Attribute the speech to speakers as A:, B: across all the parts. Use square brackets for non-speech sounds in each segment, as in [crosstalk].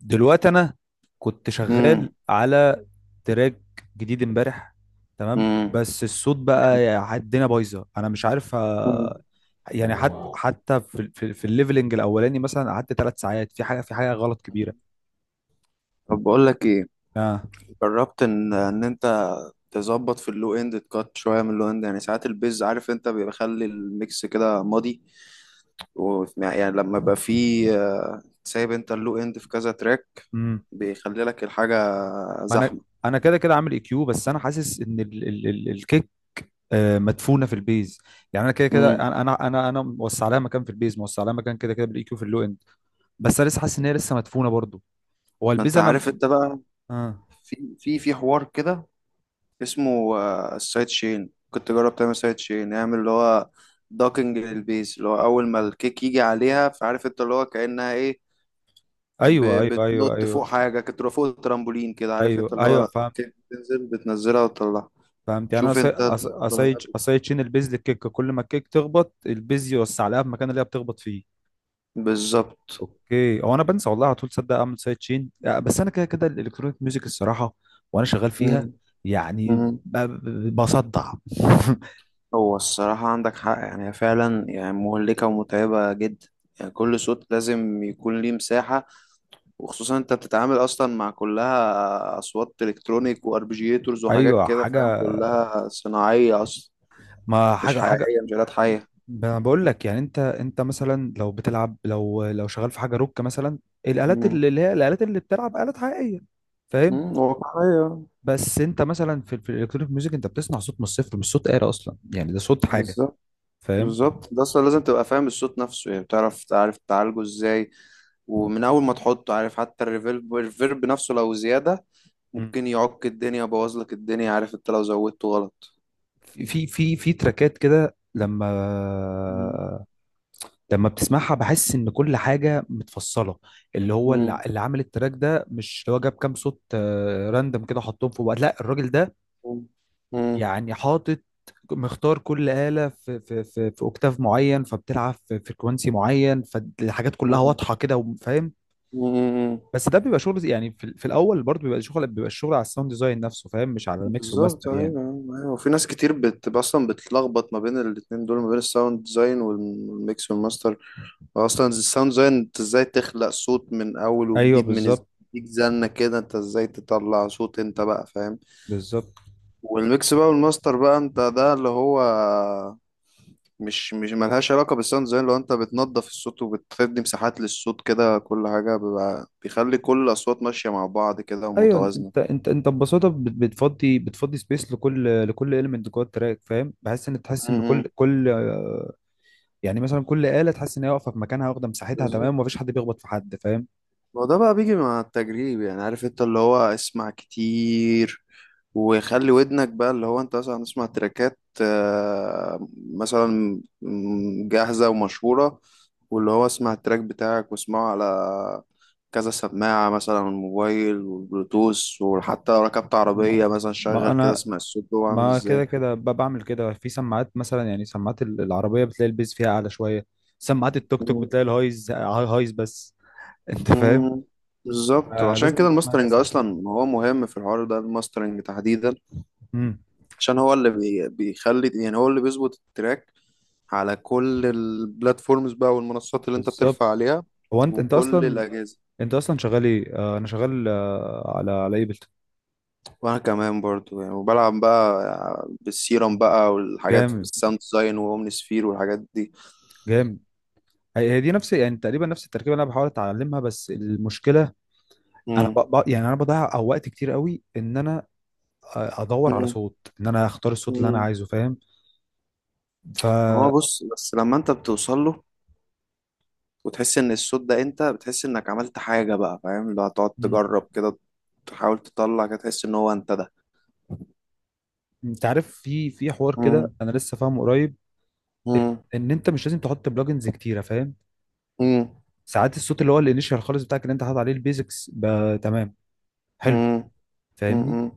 A: دلوقتي انا كنت
B: امم
A: شغال على تراك جديد امبارح، تمام.
B: امم
A: بس الصوت بقى الدنيا بايظه، انا مش عارف.
B: امم
A: يعني حتى في الليفلنج الاولاني مثلا قعدت 3 ساعات في حاجه غلط كبيره.
B: طب بقول لك ايه؟
A: اه.
B: جربت ان انت تظبط في اللو اند؟ تكات شويه من اللو اند، يعني ساعات البيز عارف انت بيخلي الميكس كده ماضي، و يعني لما يبقى فيه سايب انت اللو اند في كذا تراك
A: امم
B: بيخلي لك الحاجه
A: ما انا
B: زحمه.
A: انا كده كده عامل اي كيو، بس انا حاسس ان ال ال ال الكيك مدفونه في البيز. يعني انا كده كده،
B: امم
A: انا انا انا أنا موسع لها مكان في البيز، موسع لها مكان كده كده بالاي كيو في اللو اند. بس انا لسه حاسس ان هي لسه مدفونه برضو. هو
B: ما انت
A: البيز انا.
B: عارف انت بقى
A: اه.
B: في حوار كده اسمه السايد شين. كنت جرب تعمل سايد شين، نعمل اللي هو دوكنج للبيز اللي هو اول ما الكيك يجي عليها. فعارف انت اللي هو كأنها ايه، ب-
A: ايوه، ايوه، ايوه،
B: بتنط فوق
A: ايوه،
B: حاجة، كنت تبقى فوق الترامبولين كده عارف انت
A: ايوه،
B: اللي
A: ايوه،
B: هو
A: فهمت.
B: كيك بتنزلها وتطلعها.
A: فهمت. يعني انا
B: شوف انت
A: أصي- أص-
B: النقطة
A: أصيد اصيد شين البيز للكيك، كل ما الكيك تخبط البيز يوسع لها في المكان اللي هي بتخبط فيه.
B: بالظبط.
A: اوكي، هو انا بنسى والله على طول. صدق اعمل سايد شين. بس انا كده كده الالكترونيك ميوزك الصراحه، وانا شغال فيها
B: مم.
A: يعني
B: مم.
A: بصدع. [laughs]
B: هو الصراحة عندك حق، يعني هي فعلا يعني مهلكة ومتعبة جدا. يعني كل صوت لازم يكون ليه مساحة. وخصوصا انت بتتعامل اصلا مع كلها اصوات الكترونيك واربجيتورز وحاجات
A: ايوه
B: كده فاهم،
A: حاجه،
B: كلها صناعيه اصلا
A: ما
B: مش
A: حاجه.
B: حقيقيه، مش آلات حيه.
A: انا بقول لك، يعني انت مثلا لو بتلعب لو لو شغال في حاجه روك مثلا، الالات اللي
B: امم
A: اللي هي الالات اللي بتلعب الات حقيقيه، فاهم.
B: واقعيه.
A: بس انت مثلا في الالكترونيك ميوزك انت بتصنع صوت من الصفر، مش صوت آلة اصلا، يعني ده صوت حاجة،
B: بالظبط.
A: فاهم.
B: بالظبط ده اصلا لازم تبقى فاهم الصوت نفسه، يعني بتعرف تعرف تعالجه ازاي. ومن اول ما تحطه عارف، حتى الريفيرب نفسه لو زياده
A: مم.
B: ممكن يعك الدنيا، يبوظ لك الدنيا، عارف انت لو زودته غلط.
A: في تراكات كده، لما
B: امم
A: لما بتسمعها بحس ان كل حاجه متفصله. اللي هو اللي,
B: امم
A: اللي عامل التراك ده، مش هو جاب كام صوت راندم كده حطهم في بعض، لا، الراجل ده
B: امم
A: يعني حاطط، مختار كل آلة في اوكتاف معين، فبتلعب في فريكونسي معين، فالحاجات كلها واضحه كده، وفاهم.
B: امم
A: بس ده بيبقى شغل، يعني في الاول برضه بيبقى الشغل على الساوند ديزاين نفسه، فاهم، مش على الميكس
B: بالظبط.
A: وماستر يعني.
B: ايوه. ايوه وفي ناس كتير اصلا بتلخبط ما بين الاتنين دول، ما بين الساوند ديزاين والميكس والماستر. اصلا الساوند ديزاين انت ازاي تخلق صوت من اول
A: ايوه
B: وجديد
A: بالظبط.
B: ديك زنة كده، انت ازاي تطلع صوت انت بقى فاهم.
A: بالظبط
B: والميكس بقى والماستر بقى انت ده اللي هو مش ملهاش علاقة بالساوند ديزاين. لو انت بتنظف الصوت وبتدي مساحات للصوت كده، كل حاجة بيخلي كل الأصوات ماشية مع بعض كده
A: ايوه.
B: ومتوازنة.
A: انت ببساطه بتفضي سبيس لكل المنت جوه التراك، فاهم. بحس ان تحس ان كل
B: م.
A: كل آه، يعني مثلا كل آلة تحس ان هي واقفه في مكانها، واخده مساحتها تمام،
B: بالظبط.
A: ومفيش حد بيخبط في حد، فاهم.
B: ما هو ده بقى بيجي مع التجريب، يعني عارف انت اللي هو اسمع كتير، وخلي ودنك بقى اللي هو انت مثلا تسمع تراكات مثلا جاهزة ومشهورة. واللي هو اسمع التراك بتاعك واسمعه على كذا سماعة، مثلا على الموبايل والبلوتوث، وحتى لو ركبت
A: ما,
B: عربية مثلا
A: ما
B: شغل كده
A: انا
B: اسمع الصوت جوه عامل
A: ما كده
B: ازاي.
A: كده بعمل كده في سماعات مثلا، يعني سماعات العربيه بتلاقي البيز فيها اعلى شويه. سماعات التوك توك
B: مم.
A: بتلاقي الهايز بس. [laughs] انت فاهم.
B: مم. بالظبط،
A: آه،
B: عشان
A: لازم
B: كده
A: تسمع
B: الماسترنج
A: كذا مرة.
B: اصلا هو مهم في الحوار ده، الماسترنج تحديدا.
A: امم
B: عشان هو اللي بيخلي يعني، هو اللي بيظبط التراك على كل البلاتفورمز بقى والمنصات اللي انت بترفع
A: بالظبط.
B: عليها
A: هو انت انت
B: وكل
A: اصلا
B: الأجهزة.
A: انت اصلا شغال ايه؟ انا شغال على ايبل.
B: وأنا كمان برضو يعني، وبلعب بقى بالسيرم بقى والحاجات في
A: جامد،
B: الساوند ديزاين وأومني سفير والحاجات دي.
A: جامد. هي دي نفس، يعني تقريبا نفس التركيبه اللي انا بحاول اتعلمها، بس المشكله انا
B: مم.
A: يعني انا بضيع أو وقت كتير قوي، ان انا ادور على
B: مم.
A: صوت، ان انا اختار الصوت اللي انا
B: مم.
A: عايزه، فاهم. ف.
B: ما هو بص بس لما انت بتوصل له وتحس ان الصوت ده، انت بتحس انك عملت حاجة بقى فاهم، اللي هتقعد
A: مم.
B: تجرب كده تحاول تطلع كده تحس ان هو انت ده.
A: انت عارف، في حوار
B: مم.
A: كده، انا لسه فاهمه قريب،
B: مم.
A: ان انت مش لازم تحط بلجنز كتيره، فاهم.
B: مم.
A: ساعات الصوت، اللي هو الانيشال خالص بتاعك، اللي انت حاطط عليه البيزكس، تمام، حلو،
B: مم.
A: فاهمني.
B: مم.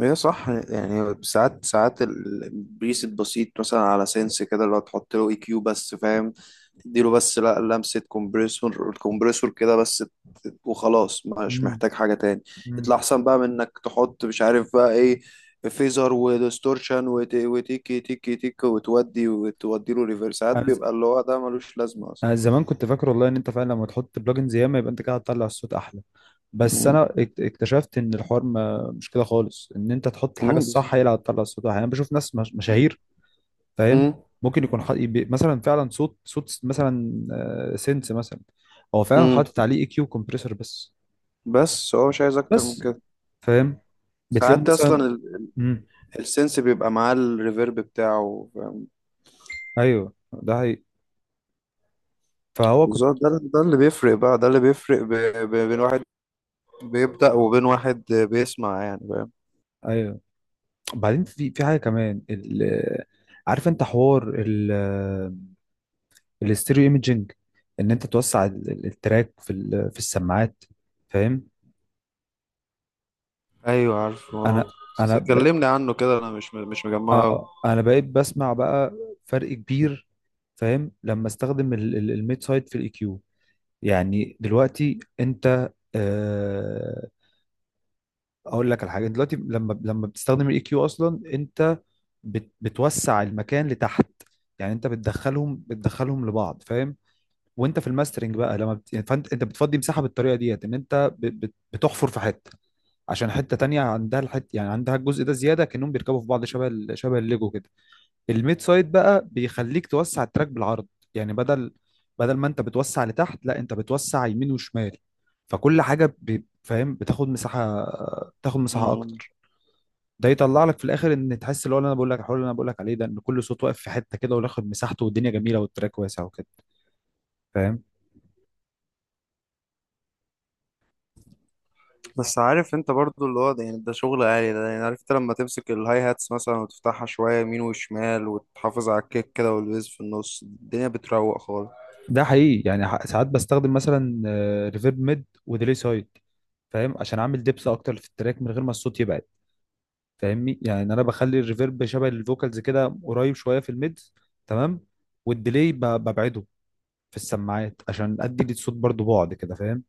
B: هي صح، يعني ساعات البيس البسيط مثلا على سنس كده، اللي هو تحط له اي كيو بس فاهم، تديله بس لا لمسة الكومبريسور كده بس، وخلاص مش
A: مم.
B: محتاج حاجة تاني.
A: مم.
B: يطلع أحسن بقى من إنك تحط مش عارف بقى إيه فيزر وديستورشن وتيكي تيكي تيكي وتودي له ريفرسات،
A: انا ز-
B: بيبقى اللي هو ده ملوش لازمة أصلا.
A: أنا زمان كنت فاكر والله ان انت فعلا لما تحط بلجنز ياما يبقى انت كده هتطلع الصوت احلى. بس
B: مم.
A: انا اكتشفت ان الحوار ما مش كده خالص، ان انت تحط الحاجه
B: مم،
A: الصح
B: بالظبط.
A: هي اللي هتطلع الصوت احلى. يعني انا بشوف ناس مشاهير، فاهم.
B: مم.
A: ممكن يكون مثلا فعلا مثلا سينس مثلا، هو فعلا
B: مم.
A: حاطط عليه اي كيو كومبريسور بس.
B: بس هو مش عايز أكتر من
A: بس
B: كده.
A: فاهم. بتلاقيهم
B: ساعات
A: مثلا.
B: أصلا
A: امم
B: السنس بيبقى معاه الريفيرب بتاعه فاهم؟
A: ايوه، ده حقيقي. فهو كنت.
B: بالظبط، ده اللي بيفرق بقى، ده اللي بيفرق بين واحد بيبدأ وبين واحد بيسمع يعني فاهم.
A: ايوه. بعدين في حاجه كمان، عارف انت حوار الاستيريو ايميجينج، ان انت توسع التراك في السماعات، فاهم.
B: ايوه عارفه.
A: انا انا
B: بس
A: ب...
B: كلمني عنه كده، انا مش مجمعه أوي.
A: آه انا بقيت بسمع بقى، فرق كبير. فاهم لما استخدم الميد سايد في الاي كيو. يعني دلوقتي انت، اقول لك على حاجه، دلوقتي لما بتستخدم الاي كيو اصلا، انت بتوسع المكان لتحت. يعني انت بتدخلهم لبعض، فاهم. وانت في الماسترنج بقى لما يعني فانت بتفضي مساحه بالطريقه ديت، ان انت بتحفر في حته عشان حته تانية عندها الحته، يعني عندها الجزء ده زياده، كانهم بيركبوا في بعض، شبه الليجو كده. الميد سايد بقى بيخليك توسع التراك بالعرض. يعني بدل ما انت بتوسع لتحت، لا، انت بتوسع يمين وشمال. فكل حاجه فاهم، بتاخد مساحه
B: مم.
A: اكتر. ده يطلع لك في الاخر ان تحس اللي هو اللي انا بقول لك، الحوار اللي انا بقول لك عليه ده، ان كل صوت واقف في حته كده وياخد مساحته، والدنيا جميله والتراك واسع وكده، فاهم.
B: بس عارف انت برضو اللي هو ده يعني ده شغل عالي، ده يعني عارف انت لما تمسك الهاي هاتس مثلا وتفتحها شوية يمين وشمال وتحافظ على الكيك كده والبيز في النص، الدنيا بتروق خالص.
A: ده حقيقي. يعني ساعات بستخدم مثلا ريفيرب ميد وديلي سايد، فاهم، عشان اعمل دبس اكتر في التراك من غير ما الصوت يبعد. فاهمني. يعني انا بخلي الريفيرب شبه الفوكالز كده، قريب شويه في الميدز، تمام. والديلي ببعده في السماعات عشان ادي للصوت برضو بعد كده، فاهم.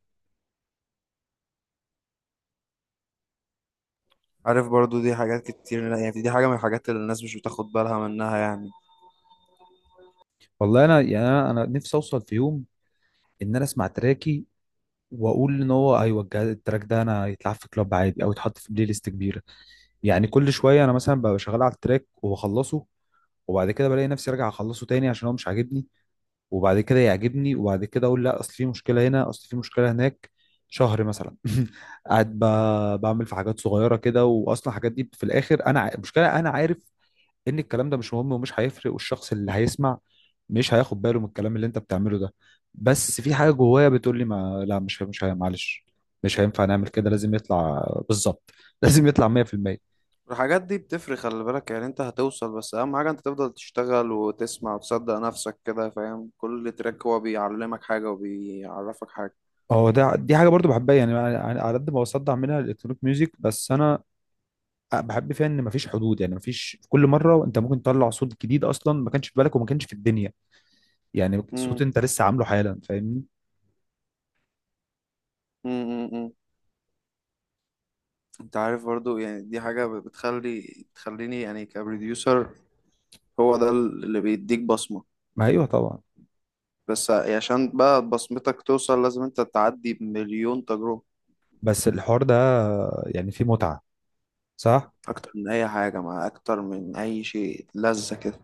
B: عارف برضو دي حاجات كتير، يعني دي حاجة من الحاجات اللي الناس مش بتاخد بالها منها يعني.
A: والله انا، يعني أنا نفسي اوصل في يوم ان انا اسمع تراكي واقول ان هو ايوه، التراك ده انا يتلعب في كلاب عادي او يتحط في بلاي ليست كبيره. يعني كل شويه انا مثلا ببقى شغال على التراك وبخلصه، وبعد كده بلاقي نفسي راجع اخلصه تاني عشان هو مش عاجبني، وبعد كده يعجبني، وبعد كده اقول لا، اصل في مشكله هنا، اصل في مشكله هناك. شهر مثلا. [laughs] قاعد بعمل في حاجات صغيره كده. واصلا الحاجات دي في الاخر انا، المشكله انا عارف ان الكلام ده مش مهم ومش هيفرق، والشخص اللي هيسمع مش هياخد باله من الكلام اللي انت بتعمله ده. بس في حاجه جوايا بتقول لي، ما لا، مش معلش، مش هينفع نعمل كده. لازم يطلع بالظبط. [laughs] لازم يطلع 100%.
B: الحاجات دي بتفرق، خلي بالك يعني انت هتوصل، بس اهم حاجة انت تفضل تشتغل وتسمع وتصدق نفسك كده فاهم، كل تراك هو بيعلمك حاجة وبيعرفك حاجة.
A: هو ده، دي حاجه برضو بحبها. يعني على قد ما بصدع منها الالكترونيك ميوزك، بس انا بحب فيها ان مفيش حدود. يعني مفيش، في كل مره انت ممكن تطلع صوت جديد اصلا ما كانش في بالك وما كانش في الدنيا، يعني صوت
B: امم
A: انت لسه عامله حالا، فاهمني.
B: امم امم امم. انت عارف برضو يعني دي حاجة بتخليني يعني كبروديوسر، هو ده اللي بيديك بصمة.
A: ما ايوه طبعا.
B: بس يعني عشان بقى بصمتك توصل لازم انت تعدي بمليون تجربة،
A: بس الحوار ده يعني فيه متعه، صح.
B: اكتر من اي حاجة، مع اكتر من اي شيء لذة كده.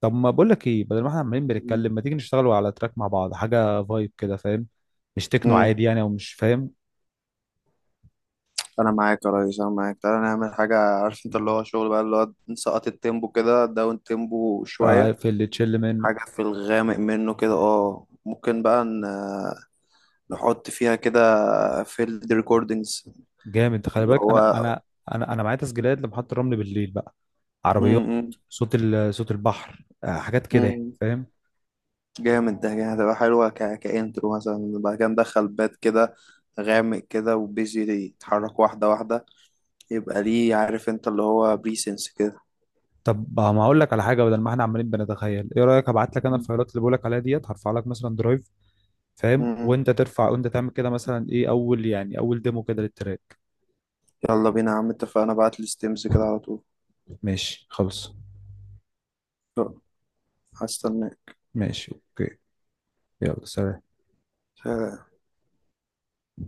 A: طب، ما بقول لك ايه، بدل ما احنا عمالين
B: امم
A: بنتكلم، ما تيجي نشتغلوا على تراك مع بعض، حاجه فايب كده، فاهم. مش تكنو
B: امم.
A: عادي يعني، او مش فاهم.
B: انا معاك يا ريس، انا معاك. تعالى نعمل حاجه عارف انت اللي هو شغل بقى اللي هو نسقط التيمبو كده، داون تيمبو شويه،
A: في اللي تشيل منه.
B: حاجه في الغامق منه كده، ممكن بقى نحط فيها كده فيلد ريكوردينجز
A: جامد. خلي
B: اللي
A: بالك انا
B: هو
A: انا انا انا معايا تسجيلات لمحطة الرمل بالليل بقى، عربيات،
B: امم
A: صوت صوت البحر، حاجات كده يعني، فاهم.
B: جامد. ده يعني هتبقى حلوه كانترو مثلا، بعد كده ندخل بات كده غامق كده، وبيزي يتحرك واحده واحده، يبقى ليه عارف انت اللي هو بريسنس كده.
A: طب، ما اقول لك على حاجه، بدل ما احنا عمالين بنتخيل. ايه رايك ابعت لك انا
B: مم.
A: الفايلات اللي بقول لك عليها ديت، هرفع لك مثلا درايف، فاهم،
B: مم.
A: وانت ترفع وانت تعمل كده مثلا ايه، اول، يعني اول ديمو كده للتراك.
B: يلا بينا يا عم، اتفقنا، بعت لي ستيمز كده على طول.
A: ماشي خلاص.
B: هستناك.
A: ماشي اوكي. يلا سلام.